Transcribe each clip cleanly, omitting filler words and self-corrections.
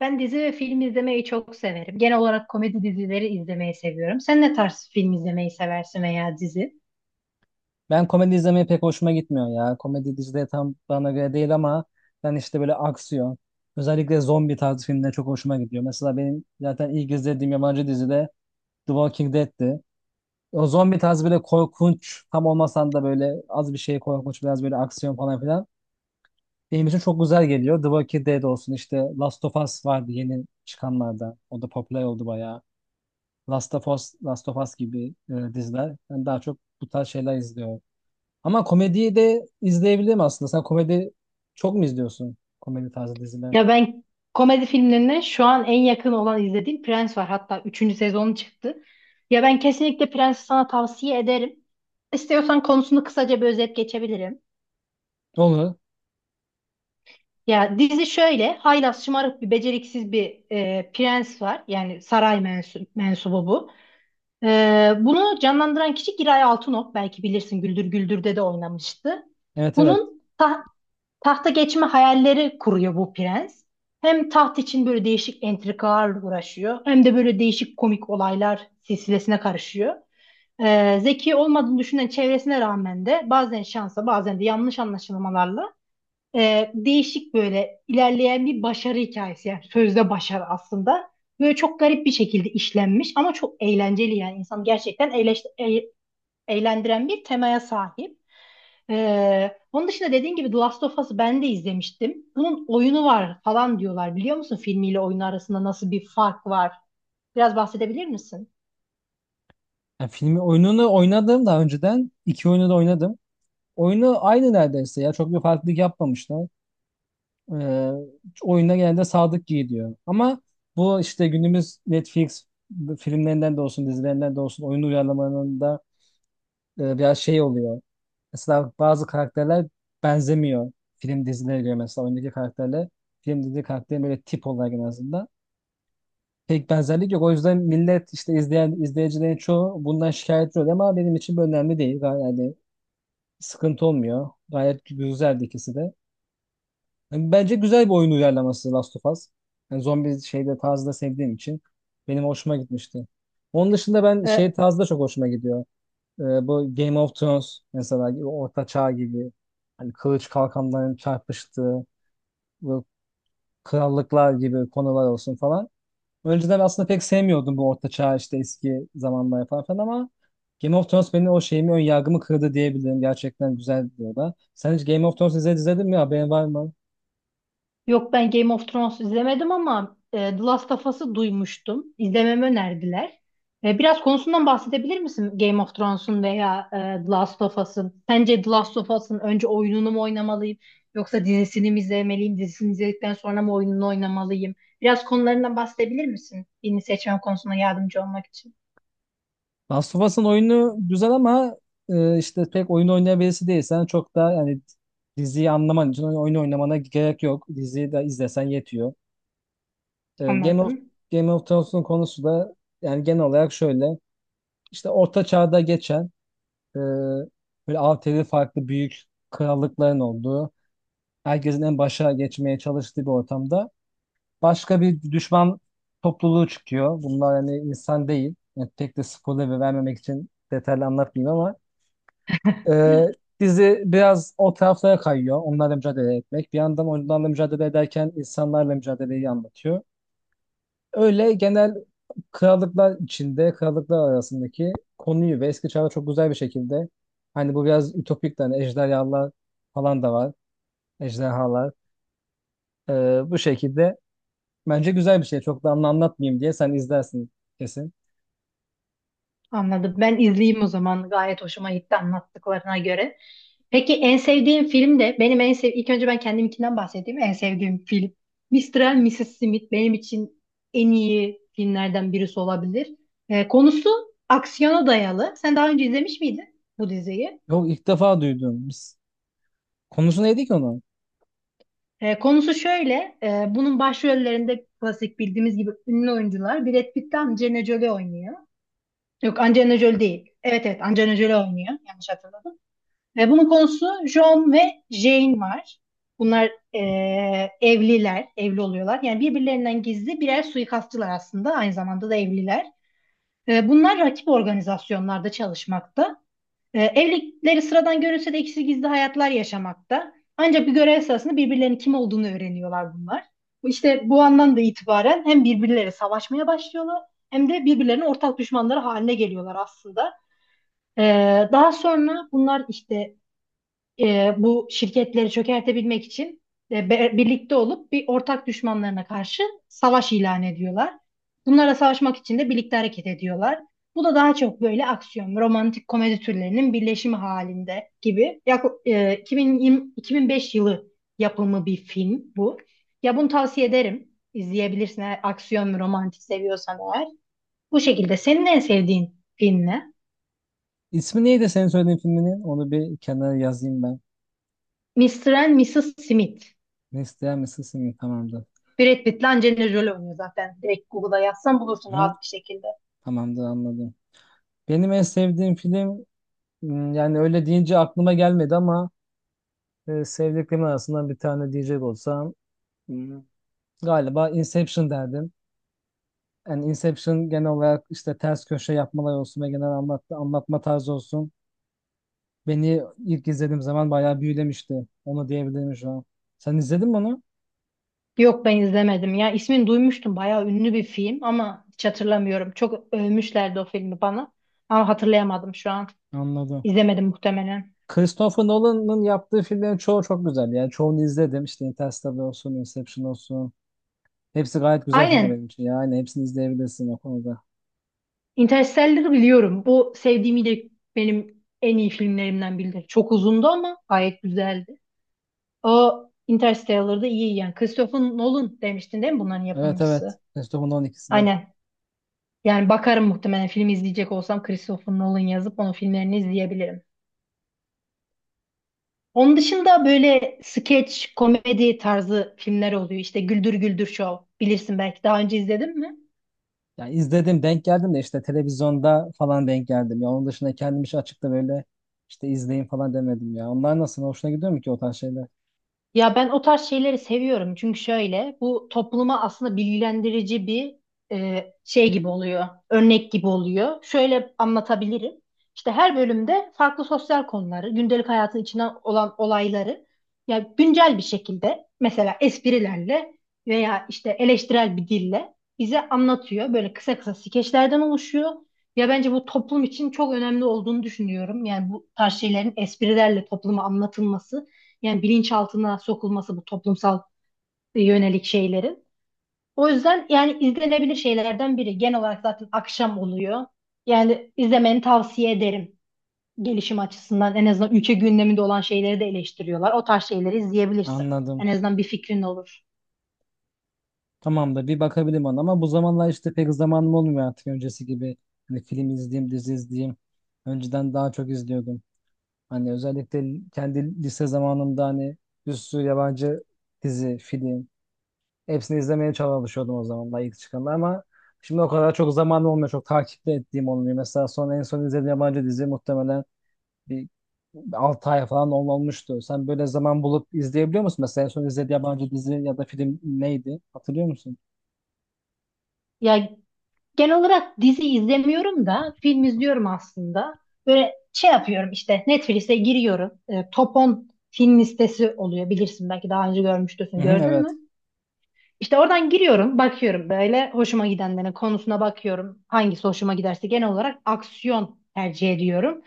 Ben dizi ve film izlemeyi çok severim. Genel olarak komedi dizileri izlemeyi seviyorum. Sen ne tarz film izlemeyi seversin veya dizi? Ben komedi izlemeye pek hoşuma gitmiyor ya. Komedi dizileri tam bana göre değil ama ben böyle aksiyon. Özellikle zombi tarzı filmler çok hoşuma gidiyor. Mesela benim zaten ilk izlediğim yabancı dizi de The Walking Dead'ti. O zombi tarzı böyle korkunç tam olmasan da böyle az bir şey korkunç biraz böyle aksiyon falan filan. Benim için çok güzel geliyor. The Walking Dead olsun, işte Last of Us vardı yeni çıkanlarda. O da popüler oldu bayağı. Last of Us, Last of Us gibi diziler. Ben daha çok bu tarz şeyler izliyorum. Ama komediyi de izleyebilirim aslında. Sen komedi çok mu izliyorsun? Komedi tarzı diziler. Ya ben komedi filmlerine şu an en yakın olan izlediğim Prens var. Hatta üçüncü sezonu çıktı. Ya ben kesinlikle Prens'i sana tavsiye ederim. İstiyorsan konusunu kısaca bir özet geçebilirim. Olur. Ya dizi şöyle, haylaz, şımarık beceriksiz bir prens var. Yani mensubu bu. Bunu canlandıran kişi Giray Altınok. Belki bilirsin Güldür Güldür'de de oynamıştı. Evet, evet. Bunun ta- Tahta geçme hayalleri kuruyor bu prens. Hem taht için böyle değişik entrikalarla uğraşıyor hem de böyle değişik komik olaylar silsilesine karışıyor. Zeki olmadığını düşünen çevresine rağmen de bazen şansa bazen de yanlış anlaşılmalarla değişik böyle ilerleyen bir başarı hikayesi, yani sözde başarı aslında. Böyle çok garip bir şekilde işlenmiş ama çok eğlenceli, yani insanı gerçekten eğlendiren bir temaya sahip. Onun dışında dediğin gibi The Last of Us'ı ben de izlemiştim. Bunun oyunu var falan diyorlar, biliyor musun? Filmiyle oyunu arasında nasıl bir fark var? Biraz bahsedebilir misin? Yani filmi oyununu oynadım daha önceden. İki oyunu da oynadım. Oyunu aynı neredeyse ya. Çok bir farklılık yapmamışlar. Ee, Oyunda genelde sadık gidiyor. Ama bu işte günümüz Netflix filmlerinden de olsun, dizilerinden de olsun, oyun uyarlamalarında biraz şey oluyor. Mesela bazı karakterler benzemiyor film dizilere göre, mesela oyundaki karakterle film dizi karakterin böyle tip olarak en azından pek benzerlik yok. O yüzden millet işte izleyen izleyicilerin çoğu bundan şikayetçi oluyor ama benim için bu önemli değil. Yani sıkıntı olmuyor. Gayet güzeldi ikisi de. Yani bence güzel bir oyun uyarlaması Last of Us. Yani zombi şeyde tarzı da sevdiğim için benim hoşuma gitmişti. Onun dışında ben şey Ee, tarzı da çok hoşuma gidiyor. Bu Game of Thrones mesela gibi Orta Çağ gibi hani kılıç kalkanların çarpıştığı bu krallıklar gibi konular olsun falan. Önceden aslında pek sevmiyordum bu Orta Çağ işte eski zamanlar falan filan ama Game of Thrones benim o şeyimi, ön yargımı kırdı diyebilirim. Gerçekten güzel diyorlar. Sen hiç Game of Thrones izledin mi? Haberin var mı? Yok, ben Game of Thrones izlemedim ama The Last of Us'ı duymuştum. İzlememi önerdiler. Biraz konusundan bahsedebilir misin Game of Thrones'un veya The Last of Us'ın? Sence The Last of Us'ın önce oyununu mu oynamalıyım yoksa dizisini mi izlemeliyim? Dizisini izledikten sonra mı oyununu oynamalıyım? Biraz konularından bahsedebilir misin? Birini seçmem konusuna yardımcı olmak için. Last of Us'ın oyunu güzel ama işte pek oyun oynayan birisi değilsen çok da, yani diziyi anlaman için oyun oynamana gerek yok. Diziyi de izlesen yetiyor. Ee, Game of Anladım. Game of Thrones'un konusu da yani genel olarak şöyle. İşte Orta Çağ'da geçen e, böyle altılı farklı büyük krallıkların olduğu, herkesin en başa geçmeye çalıştığı bir ortamda başka bir düşman topluluğu çıkıyor. Bunlar hani insan değil. Yani pek de spoiler vermemek için detaylı anlatmayayım ama e, dizi biraz o taraflara kayıyor. Onlarla mücadele etmek. Bir yandan onlarla mücadele ederken insanlarla mücadeleyi anlatıyor. Öyle genel krallıklar içinde, krallıklar arasındaki konuyu ve eski çağda çok güzel bir şekilde hani bu biraz ütopik de, hani ejderhalar falan da var. Ejderhalar. Bu şekilde bence güzel bir şey. Çok da anlatmayayım diye sen izlersin kesin. Anladım. Ben izleyeyim o zaman. Gayet hoşuma gitti anlattıklarına göre. Peki en sevdiğim film de benim en sev ilk önce ben kendimkinden bahsedeyim. En sevdiğim film Mr. and Mrs. Smith benim için en iyi filmlerden birisi olabilir. Konusu aksiyona dayalı. Sen daha önce izlemiş miydin bu diziyi? Yok, ilk defa duydum. Konusu neydi ki onun? Konusu şöyle. Bunun başrollerinde klasik bildiğimiz gibi ünlü oyuncular Brad Pitt ile Angelina Jolie oynuyor. Yok, Angelina Jolie değil. Evet, evet, Angelina Jolie oynuyor. Yanlış hatırlamıyorum. Ve bunun konusu, John ve Jane var. Bunlar evli oluyorlar. Yani birbirlerinden gizli birer suikastçılar aslında. Aynı zamanda da evliler. Bunlar rakip organizasyonlarda çalışmakta. Evlilikleri sıradan görünse de ikisi gizli hayatlar yaşamakta. Ancak bir görev sırasında birbirlerinin kim olduğunu öğreniyorlar bunlar. İşte bu andan da itibaren hem birbirleriyle savaşmaya başlıyorlar hem de birbirlerinin ortak düşmanları haline geliyorlar aslında. Daha sonra bunlar işte bu şirketleri çökertebilmek için birlikte olup bir ortak düşmanlarına karşı savaş ilan ediyorlar. Bunlara savaşmak için de birlikte hareket ediyorlar. Bu da daha çok böyle aksiyon ve romantik komedi türlerinin birleşimi halinde gibi. Yak e, 2020 2005 yılı yapımı bir film bu. Ya bunu tavsiye ederim. İzleyebilirsin eğer aksiyon ve romantik seviyorsan eğer. Bu şekilde senin en sevdiğin film ne? İsmi neydi senin söylediğin filminin? Onu bir kenara yazayım ben. Mr. and Mrs. Smith. Besleyen mi Sesimi, tamamdır. Brad Pitt'le Angelina Jolie oynuyor zaten. Direkt Google'a yazsan bulursun Hı? rahat bir şekilde. Tamamdır, anladım. Benim en sevdiğim film yani öyle deyince aklıma gelmedi ama sevdiklerim arasından bir tane diyecek olsam m, galiba Inception derdim. Yani Inception genel olarak işte ters köşe yapmalar olsun ve genel anlatma tarzı olsun. Beni ilk izlediğim zaman bayağı büyülemişti. Onu diyebilirim şu an. Sen izledin mi onu? Yok, ben izlemedim. Ya, ismini duymuştum. Bayağı ünlü bir film ama hiç hatırlamıyorum. Çok övmüşlerdi o filmi bana. Ama hatırlayamadım şu an. Anladım. İzlemedim muhtemelen. Christopher Nolan'ın yaptığı filmlerin çoğu çok güzel. Yani çoğunu izledim. İşte Interstellar olsun, Inception olsun. Hepsi gayet güzel filmler benim Aynen. için. Yani hepsini izleyebilirsin o konuda. Interstellar'ı biliyorum. Bu sevdiğimi de benim en iyi filmlerimden biridir. Çok uzundu ama gayet güzeldi. O Interstellar'da iyi yani. Christopher Nolan demiştin değil mi bunların Evet, evet. yapımcısı? Christopher'ın 12'si de. Aynen. Yani bakarım, muhtemelen film izleyecek olsam Christopher Nolan yazıp onun filmlerini izleyebilirim. Onun dışında böyle skeç, komedi tarzı filmler oluyor. İşte Güldür Güldür Show. Bilirsin belki, daha önce izledin mi? Yani izledim, denk geldim de işte televizyonda falan denk geldim. Ya onun dışında kendim hiç açıkta böyle işte izleyin falan demedim ya. Onlar nasıl? Hoşuna gidiyor mu ki o tarz şeyler? Ya ben o tarz şeyleri seviyorum çünkü şöyle, bu topluma aslında bilgilendirici bir şey gibi oluyor, örnek gibi oluyor. Şöyle anlatabilirim. İşte her bölümde farklı sosyal konuları, gündelik hayatın içinden olan olayları ya güncel bir şekilde mesela esprilerle veya işte eleştirel bir dille bize anlatıyor. Böyle kısa kısa skeçlerden oluşuyor. Ya bence bu toplum için çok önemli olduğunu düşünüyorum. Yani bu tarz şeylerin esprilerle topluma anlatılması. Yani bilinçaltına sokulması bu toplumsal yönelik şeylerin. O yüzden yani izlenebilir şeylerden biri. Genel olarak zaten akşam oluyor. Yani izlemeni tavsiye ederim. Gelişim açısından en azından ülke gündeminde olan şeyleri de eleştiriyorlar. O tarz şeyleri izleyebilirsin. En Anladım. azından bir fikrin olur. Tamam da bir bakabilirim ona ama bu zamanlar işte pek zamanım olmuyor artık öncesi gibi. Hani film izleyeyim, dizi izleyeyim. Önceden daha çok izliyordum. Hani özellikle kendi lise zamanımda hani bir sürü yabancı dizi, film. Hepsini izlemeye çalışıyordum o zamanlar ilk çıkanda ama şimdi o kadar çok zamanım olmuyor. Çok takipte ettiğim olmuyor. Mesela en son izlediğim yabancı dizi muhtemelen bir 6 ay falan olmuştu. Sen böyle zaman bulup izleyebiliyor musun? Mesela en son izlediğin yabancı dizi ya da film neydi? Hatırlıyor musun? Ya genel olarak dizi izlemiyorum da film izliyorum aslında. Böyle şey yapıyorum, işte Netflix'e giriyorum. E, Top 10 film listesi oluyor, bilirsin belki, daha önce Hı görmüştürsün, hı, gördün evet. mü? İşte oradan giriyorum, bakıyorum böyle hoşuma gidenlerin konusuna bakıyorum. Hangisi hoşuma giderse genel olarak aksiyon tercih ediyorum.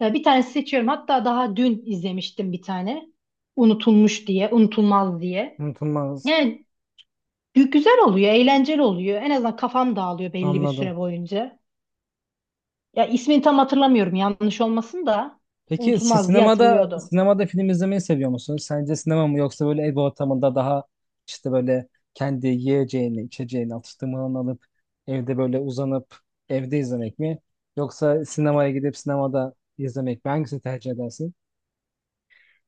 Bir tanesi seçiyorum. Hatta daha dün izlemiştim bir tane. Unutulmuş diye, unutulmaz diye. Unutulmaz. Yani güzel oluyor, eğlenceli oluyor. En azından kafam dağılıyor belli bir Anladım. süre boyunca. Ya ismini tam hatırlamıyorum, yanlış olmasın da Peki unutulmaz diye hatırlıyordum. sinemada film izlemeyi seviyor musun? Sence sinema mı yoksa böyle ev ortamında daha işte böyle kendi yiyeceğini, içeceğini, atıştırmalarını alıp evde böyle uzanıp evde izlemek mi? Yoksa sinemaya gidip sinemada izlemek mi? Hangisini tercih edersin?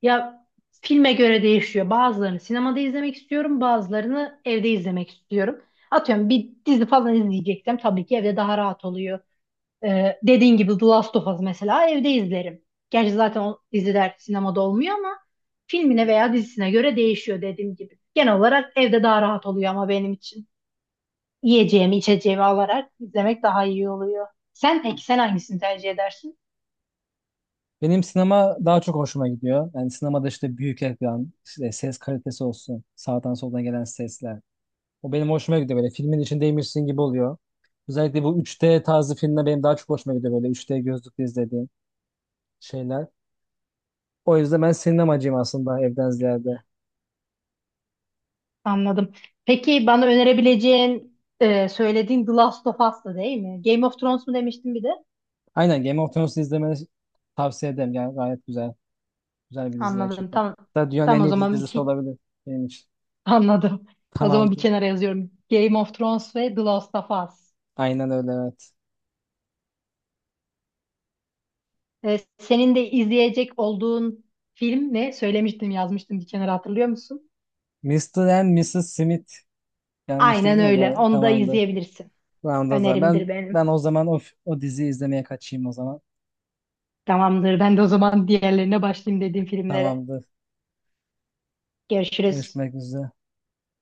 Ya filme göre değişiyor. Bazılarını sinemada izlemek istiyorum, bazılarını evde izlemek istiyorum. Atıyorum bir dizi falan izleyeceksem tabii ki evde daha rahat oluyor. Dediğin gibi The Last of Us mesela evde izlerim. Gerçi zaten o diziler sinemada olmuyor ama filmine veya dizisine göre değişiyor dediğim gibi. Genel olarak evde daha rahat oluyor ama benim için. Yiyeceğimi, içeceğimi alarak izlemek daha iyi oluyor. Peki sen hangisini tercih edersin? Benim sinema daha çok hoşuma gidiyor. Yani sinemada işte büyük ekran, işte ses kalitesi olsun, sağdan soldan gelen sesler. O benim hoşuma gidiyor, böyle filmin içindeymişsin gibi oluyor. Özellikle bu 3D tarzı filmler benim daha çok hoşuma gidiyor, böyle 3D gözlükle izlediğim şeyler. O yüzden ben sinemacıyım aslında evden ziyade. Anladım. Peki bana önerebileceğin söylediğin The Last of Us'tı değil mi? Game of Thrones mu demiştin bir de? Aynen, Game of Thrones'u izlemeni tavsiye ederim. Yani gayet güzel. Güzel bir dizi Anladım. gerçekten. Tamam. Hatta dünyanın en Tamam o iyi zaman dizisi iki olabilir benim için. anladım. O zaman bir Tamamdır. kenara yazıyorum. Game of Thrones ve The Last of Us. Aynen öyle, evet. E, senin de izleyecek olduğun film ne? Söylemiştim, yazmıştım bir kenara, hatırlıyor musun? Mister and Mrs. Smith. Yanlış değil Aynen mi? O öyle. da Onu da tamamdır. izleyebilirsin. Tamamdır o zaman. Önerimdir Ben benim. o zaman o diziyi izlemeye kaçayım o zaman. Tamamdır. Ben de o zaman diğerlerine başlayayım, dediğim filmlere. Tamamdır. Görüşürüz. Görüşmek üzere.